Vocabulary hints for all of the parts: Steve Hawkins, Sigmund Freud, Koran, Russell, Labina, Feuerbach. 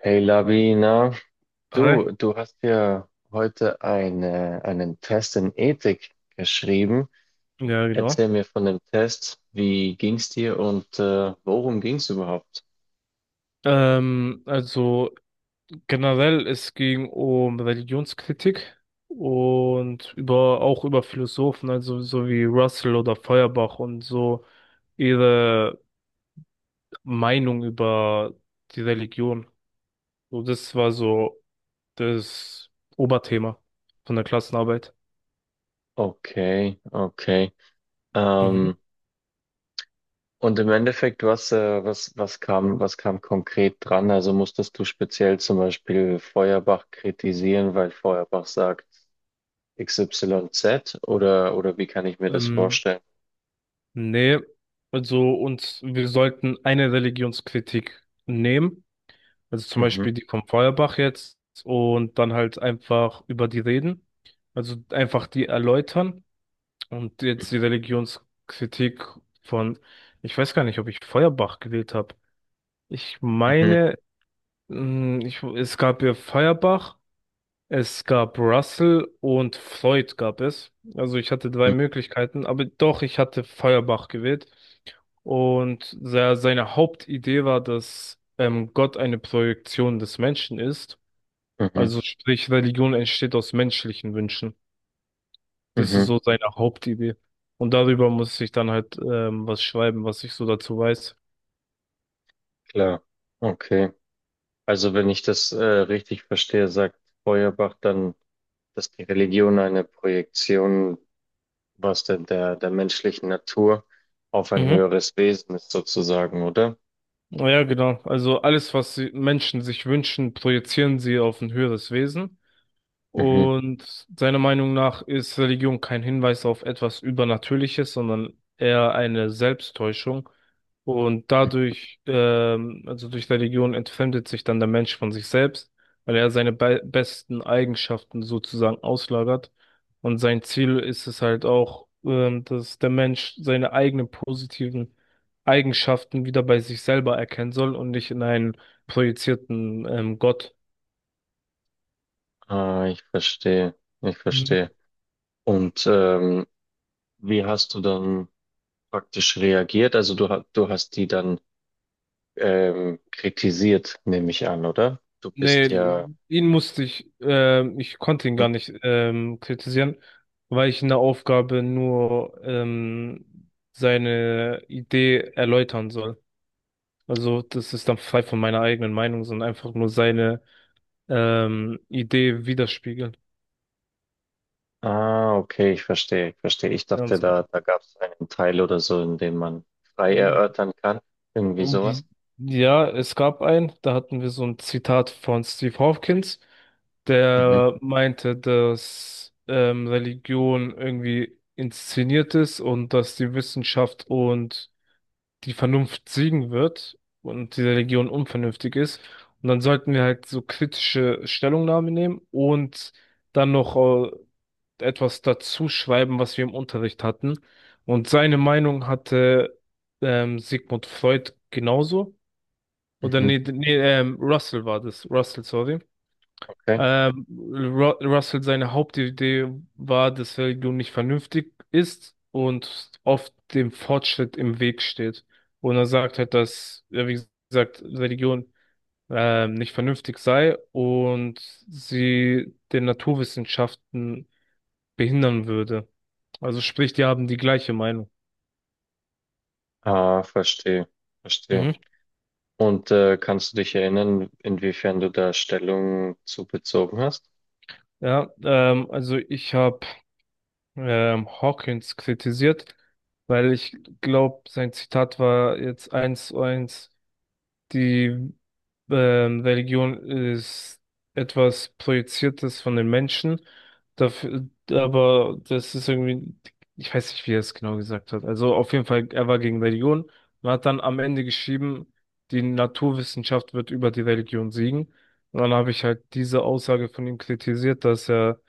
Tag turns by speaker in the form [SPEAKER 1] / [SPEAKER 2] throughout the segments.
[SPEAKER 1] Hey Labina, du,
[SPEAKER 2] Hi.
[SPEAKER 1] du hast ja heute einen Test in Ethik geschrieben.
[SPEAKER 2] Ja,
[SPEAKER 1] Erzähl
[SPEAKER 2] genau.
[SPEAKER 1] mir von dem Test. Wie ging's dir und worum ging's überhaupt?
[SPEAKER 2] Also generell, es ging um Religionskritik und über auch über Philosophen, also so wie Russell oder Feuerbach und so ihre Meinung über die Religion. So, das war so das Oberthema von der Klassenarbeit.
[SPEAKER 1] Okay, okay.
[SPEAKER 2] Mhm.
[SPEAKER 1] Ähm, und im Endeffekt, was, was, was kam konkret dran? Also musstest du speziell zum Beispiel Feuerbach kritisieren, weil Feuerbach sagt XYZ oder wie kann ich mir das
[SPEAKER 2] Ähm,
[SPEAKER 1] vorstellen?
[SPEAKER 2] nee, also und wir sollten eine Religionskritik nehmen. Also zum
[SPEAKER 1] Mhm.
[SPEAKER 2] Beispiel die vom Feuerbach jetzt, und dann halt einfach über die reden. Also einfach die erläutern und jetzt die Religionskritik von, ich weiß gar nicht, ob ich Feuerbach gewählt habe. Ich
[SPEAKER 1] Mhm.
[SPEAKER 2] meine, es gab ja Feuerbach, es gab Russell und Freud gab es. Also ich hatte drei
[SPEAKER 1] Mhm.
[SPEAKER 2] Möglichkeiten, aber doch, ich hatte Feuerbach gewählt. Und seine Hauptidee war, dass Gott eine Projektion des Menschen ist,
[SPEAKER 1] Mhm.
[SPEAKER 2] also sprich, Religion entsteht aus menschlichen Wünschen. Das ist
[SPEAKER 1] Mhm.
[SPEAKER 2] so seine Hauptidee. Und darüber muss ich dann halt was schreiben, was ich so dazu weiß.
[SPEAKER 1] Klar, okay. Also wenn ich das richtig verstehe, sagt Feuerbach dann, dass die Religion eine Projektion, was denn der menschlichen Natur auf ein
[SPEAKER 2] Mhm.
[SPEAKER 1] höheres Wesen ist sozusagen, oder?
[SPEAKER 2] Ja, genau. Also alles, was Menschen sich wünschen, projizieren sie auf ein höheres Wesen.
[SPEAKER 1] Mhm.
[SPEAKER 2] Und seiner Meinung nach ist Religion kein Hinweis auf etwas Übernatürliches, sondern eher eine Selbsttäuschung. Und dadurch, also durch Religion, entfremdet sich dann der Mensch von sich selbst, weil er seine be besten Eigenschaften sozusagen auslagert. Und sein Ziel ist es halt auch, dass der Mensch seine eigenen positiven Eigenschaften wieder bei sich selber erkennen soll und nicht in einen projizierten, Gott.
[SPEAKER 1] Ah, ich verstehe, ich verstehe. Und wie hast du dann praktisch reagiert? Also du hast die dann kritisiert, nehme ich an, oder? Du
[SPEAKER 2] Nee,
[SPEAKER 1] bist ja, hm?
[SPEAKER 2] ihn musste ich, ich konnte ihn gar nicht kritisieren, weil ich in der Aufgabe nur seine Idee erläutern soll. Also das ist dann frei von meiner eigenen Meinung, sondern einfach nur seine Idee widerspiegeln.
[SPEAKER 1] Ah, okay, ich verstehe, ich verstehe. Ich dachte,
[SPEAKER 2] Ganz genau.
[SPEAKER 1] da gab es einen Teil oder so, in dem man frei erörtern kann. Irgendwie sowas.
[SPEAKER 2] Die- Ja, es gab einen, da hatten wir so ein Zitat von Steve Hawkins,
[SPEAKER 1] Mhm,
[SPEAKER 2] der meinte, dass Religion irgendwie inszeniert ist und dass die Wissenschaft und die Vernunft siegen wird und die Religion unvernünftig ist. Und dann sollten wir halt so kritische Stellungnahmen nehmen und dann noch äh, etwas dazu schreiben, was wir im Unterricht hatten. Und seine Meinung hatte Sigmund Freud genauso. Oder
[SPEAKER 1] mhm,
[SPEAKER 2] nee, nee, Russell war das. Russell, sorry.
[SPEAKER 1] okay.
[SPEAKER 2] Ru Russell, seine Hauptidee war, dass Religion nicht vernünftig ist und oft dem Fortschritt im Weg steht. Und er sagt halt, dass, ja, wie gesagt, Religion nicht vernünftig sei und sie den Naturwissenschaften behindern würde. Also sprich, die haben die gleiche Meinung.
[SPEAKER 1] Ah, verstehe, verstehe.
[SPEAKER 2] Mhm.
[SPEAKER 1] Und kannst du dich erinnern, inwiefern du da Stellung zu bezogen hast?
[SPEAKER 2] Ja, also ich habe Hawkins kritisiert, weil ich glaube, sein Zitat war jetzt eins zu eins, die Religion ist etwas Projiziertes von den Menschen, dafür, aber das ist irgendwie, ich weiß nicht, wie er es genau gesagt hat. Also auf jeden Fall, er war gegen Religion und hat dann am Ende geschrieben, die Naturwissenschaft wird über die Religion siegen. Und dann habe ich halt diese Aussage von ihm kritisiert, dass er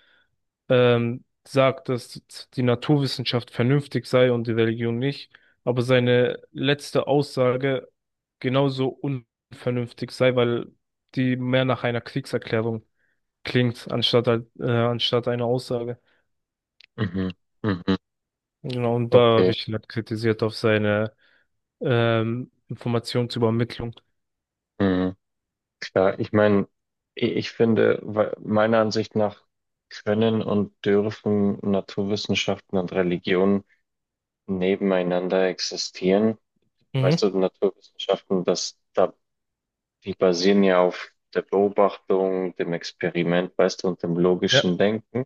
[SPEAKER 2] sagt, dass die Naturwissenschaft vernünftig sei und die Religion nicht, aber seine letzte Aussage genauso unvernünftig sei, weil die mehr nach einer Kriegserklärung klingt, anstatt, anstatt einer Aussage.
[SPEAKER 1] Mhm, mhm,
[SPEAKER 2] Genau, und da habe
[SPEAKER 1] okay.
[SPEAKER 2] ich ihn halt kritisiert auf seine Informationsübermittlung.
[SPEAKER 1] Mhm. Klar, ich meine, ich finde, meiner Ansicht nach können und dürfen Naturwissenschaften und Religion nebeneinander existieren. Weißt
[SPEAKER 2] Mhm.
[SPEAKER 1] du, Naturwissenschaften, die basieren ja auf der Beobachtung, dem Experiment, weißt du, und dem
[SPEAKER 2] Ja,
[SPEAKER 1] logischen Denken.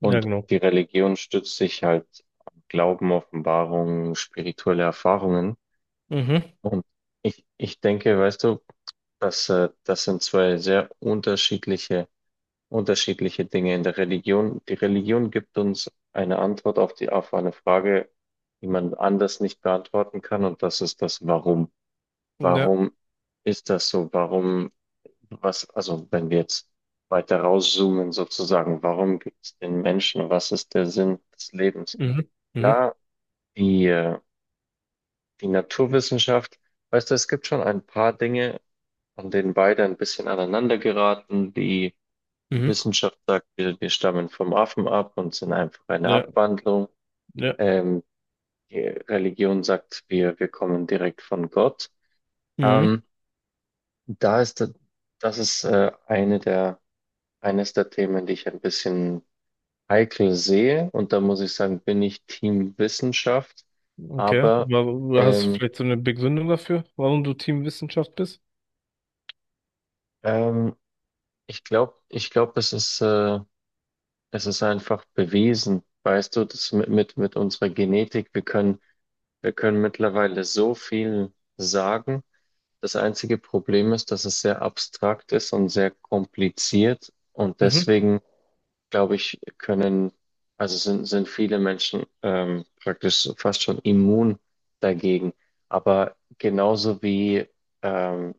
[SPEAKER 2] ja, genau.
[SPEAKER 1] die Religion stützt sich halt am Glauben, Offenbarungen, spirituelle Erfahrungen.
[SPEAKER 2] Mhm.
[SPEAKER 1] Und ich denke, weißt du, dass, das sind zwei sehr unterschiedliche Dinge in der Religion. Die Religion gibt uns eine Antwort auf auf eine Frage, die man anders nicht beantworten kann. Und das ist das Warum.
[SPEAKER 2] Ja.
[SPEAKER 1] Warum ist das so? Warum, was, also wenn wir jetzt weiter rauszoomen sozusagen, warum gibt es den Menschen? Was ist der Sinn des Lebens?
[SPEAKER 2] Mhm. Mhm.
[SPEAKER 1] Klar, die, äh, die Naturwissenschaft, weißt du, es gibt schon ein paar Dinge, an denen beide ein bisschen aneinander geraten. Die
[SPEAKER 2] Mhm.
[SPEAKER 1] Wissenschaft sagt, wir stammen vom Affen ab und sind einfach eine
[SPEAKER 2] Ja.
[SPEAKER 1] Abwandlung.
[SPEAKER 2] Ja.
[SPEAKER 1] Ähm, die Religion sagt, wir kommen direkt von Gott.
[SPEAKER 2] Mhm.
[SPEAKER 1] Ähm, Da das ist eines der Themen, die ich ein bisschen heikel sehe. Und da muss ich sagen, bin ich Team Wissenschaft.
[SPEAKER 2] Okay.
[SPEAKER 1] Aber
[SPEAKER 2] Hast du
[SPEAKER 1] ähm,
[SPEAKER 2] vielleicht so eine Begründung dafür, warum du Teamwissenschaft bist?
[SPEAKER 1] ähm, ich glaube es ist einfach bewiesen, weißt du, das mit unserer Genetik, wir können mittlerweile so viel sagen. Das einzige Problem ist, dass es sehr abstrakt ist und sehr kompliziert. Und
[SPEAKER 2] Mhm.
[SPEAKER 1] deswegen glaube ich, also sind viele Menschen praktisch fast schon immun dagegen. Aber genauso wie, ähm,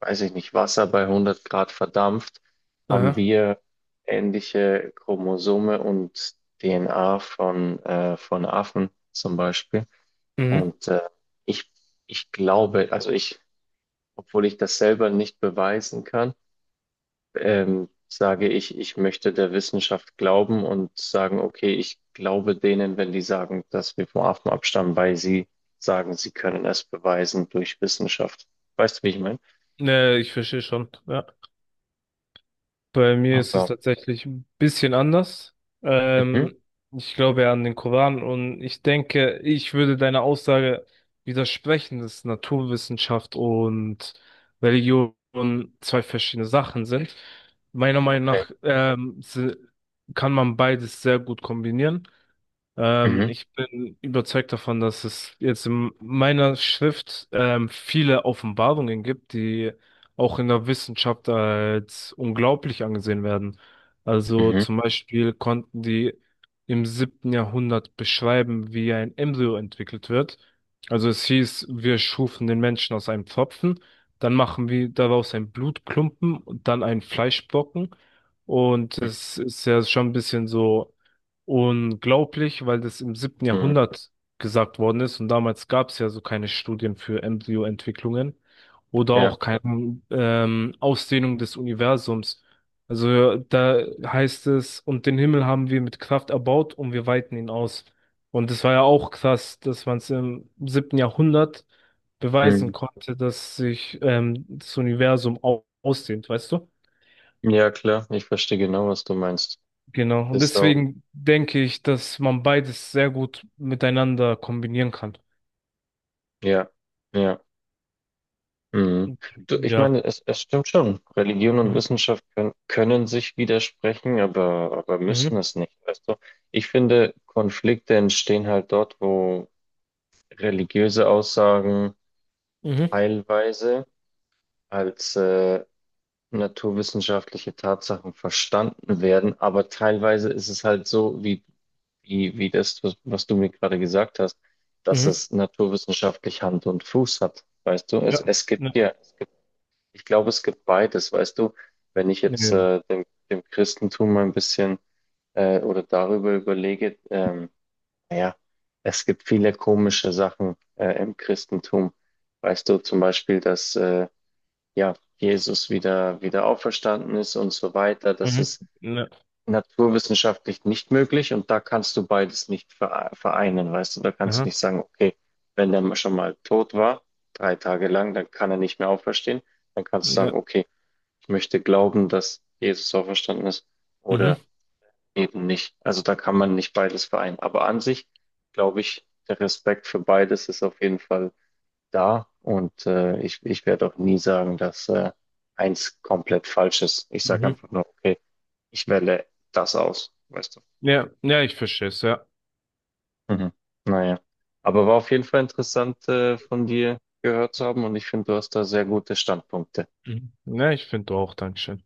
[SPEAKER 1] weiß ich nicht, Wasser bei 100 Grad verdampft, haben
[SPEAKER 2] Aha.
[SPEAKER 1] wir ähnliche Chromosome und DNA von Affen zum Beispiel.
[SPEAKER 2] Mhm.
[SPEAKER 1] Und ich, ich glaube, obwohl ich das selber nicht beweisen kann, sage ich, ich möchte der Wissenschaft glauben und sagen, okay, ich glaube denen, wenn die sagen, dass wir vom Affen abstammen, weil sie sagen, sie können es beweisen durch Wissenschaft. Weißt du, wie ich meine?
[SPEAKER 2] Ne, ich verstehe schon. Ja. Bei mir ist es
[SPEAKER 1] Aber,
[SPEAKER 2] tatsächlich ein bisschen anders.
[SPEAKER 1] mhm,
[SPEAKER 2] Ähm, ich glaube ja an den Koran und ich denke, ich würde deiner Aussage widersprechen, dass Naturwissenschaft und Religion zwei verschiedene Sachen sind. Meiner Meinung
[SPEAKER 1] okay.
[SPEAKER 2] nach kann man beides sehr gut kombinieren.
[SPEAKER 1] Mhm,
[SPEAKER 2] Ich bin überzeugt davon, dass es jetzt in meiner Schrift viele Offenbarungen gibt, die auch in der Wissenschaft als unglaublich angesehen werden. Also
[SPEAKER 1] mhm,
[SPEAKER 2] zum Beispiel konnten die im siebten Jahrhundert beschreiben, wie ein Embryo entwickelt wird. Also es hieß, wir schufen den Menschen aus einem Pfropfen, dann machen wir daraus einen Blutklumpen und dann einen Fleischbrocken. Und es ist ja schon ein bisschen so unglaublich, weil das im siebten
[SPEAKER 1] mhm,
[SPEAKER 2] Jahrhundert gesagt worden ist und damals gab es ja so keine Studien für Embryoentwicklungen oder
[SPEAKER 1] ja,
[SPEAKER 2] auch keine Ausdehnung des Universums. Also da heißt es, und den Himmel haben wir mit Kraft erbaut und wir weiten ihn aus. Und es war ja auch krass, dass man es im siebten Jahrhundert beweisen
[SPEAKER 1] mhm.
[SPEAKER 2] konnte, dass sich das Universum au ausdehnt, weißt du?
[SPEAKER 1] Ja, klar, ich verstehe genau, was du meinst.
[SPEAKER 2] Genau. Und
[SPEAKER 1] Ist auch,
[SPEAKER 2] deswegen denke ich, dass man beides sehr gut miteinander kombinieren kann.
[SPEAKER 1] ja, ja. Mhm. Du, ich
[SPEAKER 2] Ja.
[SPEAKER 1] meine, es stimmt schon. Religion und
[SPEAKER 2] Mhm.
[SPEAKER 1] Wissenschaft können sich widersprechen, aber
[SPEAKER 2] Mhm.
[SPEAKER 1] müssen es nicht, weißt du? Ich finde, Konflikte entstehen halt dort, wo religiöse Aussagen
[SPEAKER 2] Mhm.
[SPEAKER 1] teilweise als naturwissenschaftliche Tatsachen verstanden werden, aber teilweise ist es halt so, wie das, was du mir gerade gesagt hast, dass
[SPEAKER 2] Mhm.
[SPEAKER 1] es naturwissenschaftlich Hand und Fuß hat, weißt du?
[SPEAKER 2] Ja.
[SPEAKER 1] Es gibt
[SPEAKER 2] Ja.
[SPEAKER 1] ja. Ich glaube, es gibt beides, weißt du, wenn ich
[SPEAKER 2] Ja.
[SPEAKER 1] jetzt
[SPEAKER 2] Genau.
[SPEAKER 1] dem Christentum mal ein bisschen oder darüber überlege, naja, es gibt viele komische Sachen im Christentum. Weißt du, zum Beispiel, dass ja, Jesus wieder auferstanden ist und so weiter. Das
[SPEAKER 2] Mhm.
[SPEAKER 1] ist
[SPEAKER 2] Ja.
[SPEAKER 1] naturwissenschaftlich nicht möglich und da kannst du beides nicht vereinen, weißt du, da kannst du
[SPEAKER 2] Aha.
[SPEAKER 1] nicht sagen, okay, wenn der schon mal tot war, 3 Tage lang, dann kann er nicht mehr auferstehen, dann kannst du
[SPEAKER 2] Ja.
[SPEAKER 1] sagen, okay, ich möchte glauben, dass Jesus auferstanden ist
[SPEAKER 2] Mhm.
[SPEAKER 1] oder eben nicht. Also da kann man nicht beides vereinen. Aber an sich glaube ich, der Respekt für beides ist auf jeden Fall da und ich werde auch nie sagen, dass eins komplett falsch ist. Ich sage
[SPEAKER 2] Mhm.
[SPEAKER 1] einfach nur, okay, ich wähle das aus, weißt du.
[SPEAKER 2] Ja. Ja, ich verstehe es, ja.
[SPEAKER 1] Mhm. Naja, aber war auf jeden Fall interessant von dir gehört zu haben und ich finde, du hast da sehr gute Standpunkte.
[SPEAKER 2] Mhm. Ja, ich finde auch, Dankeschön.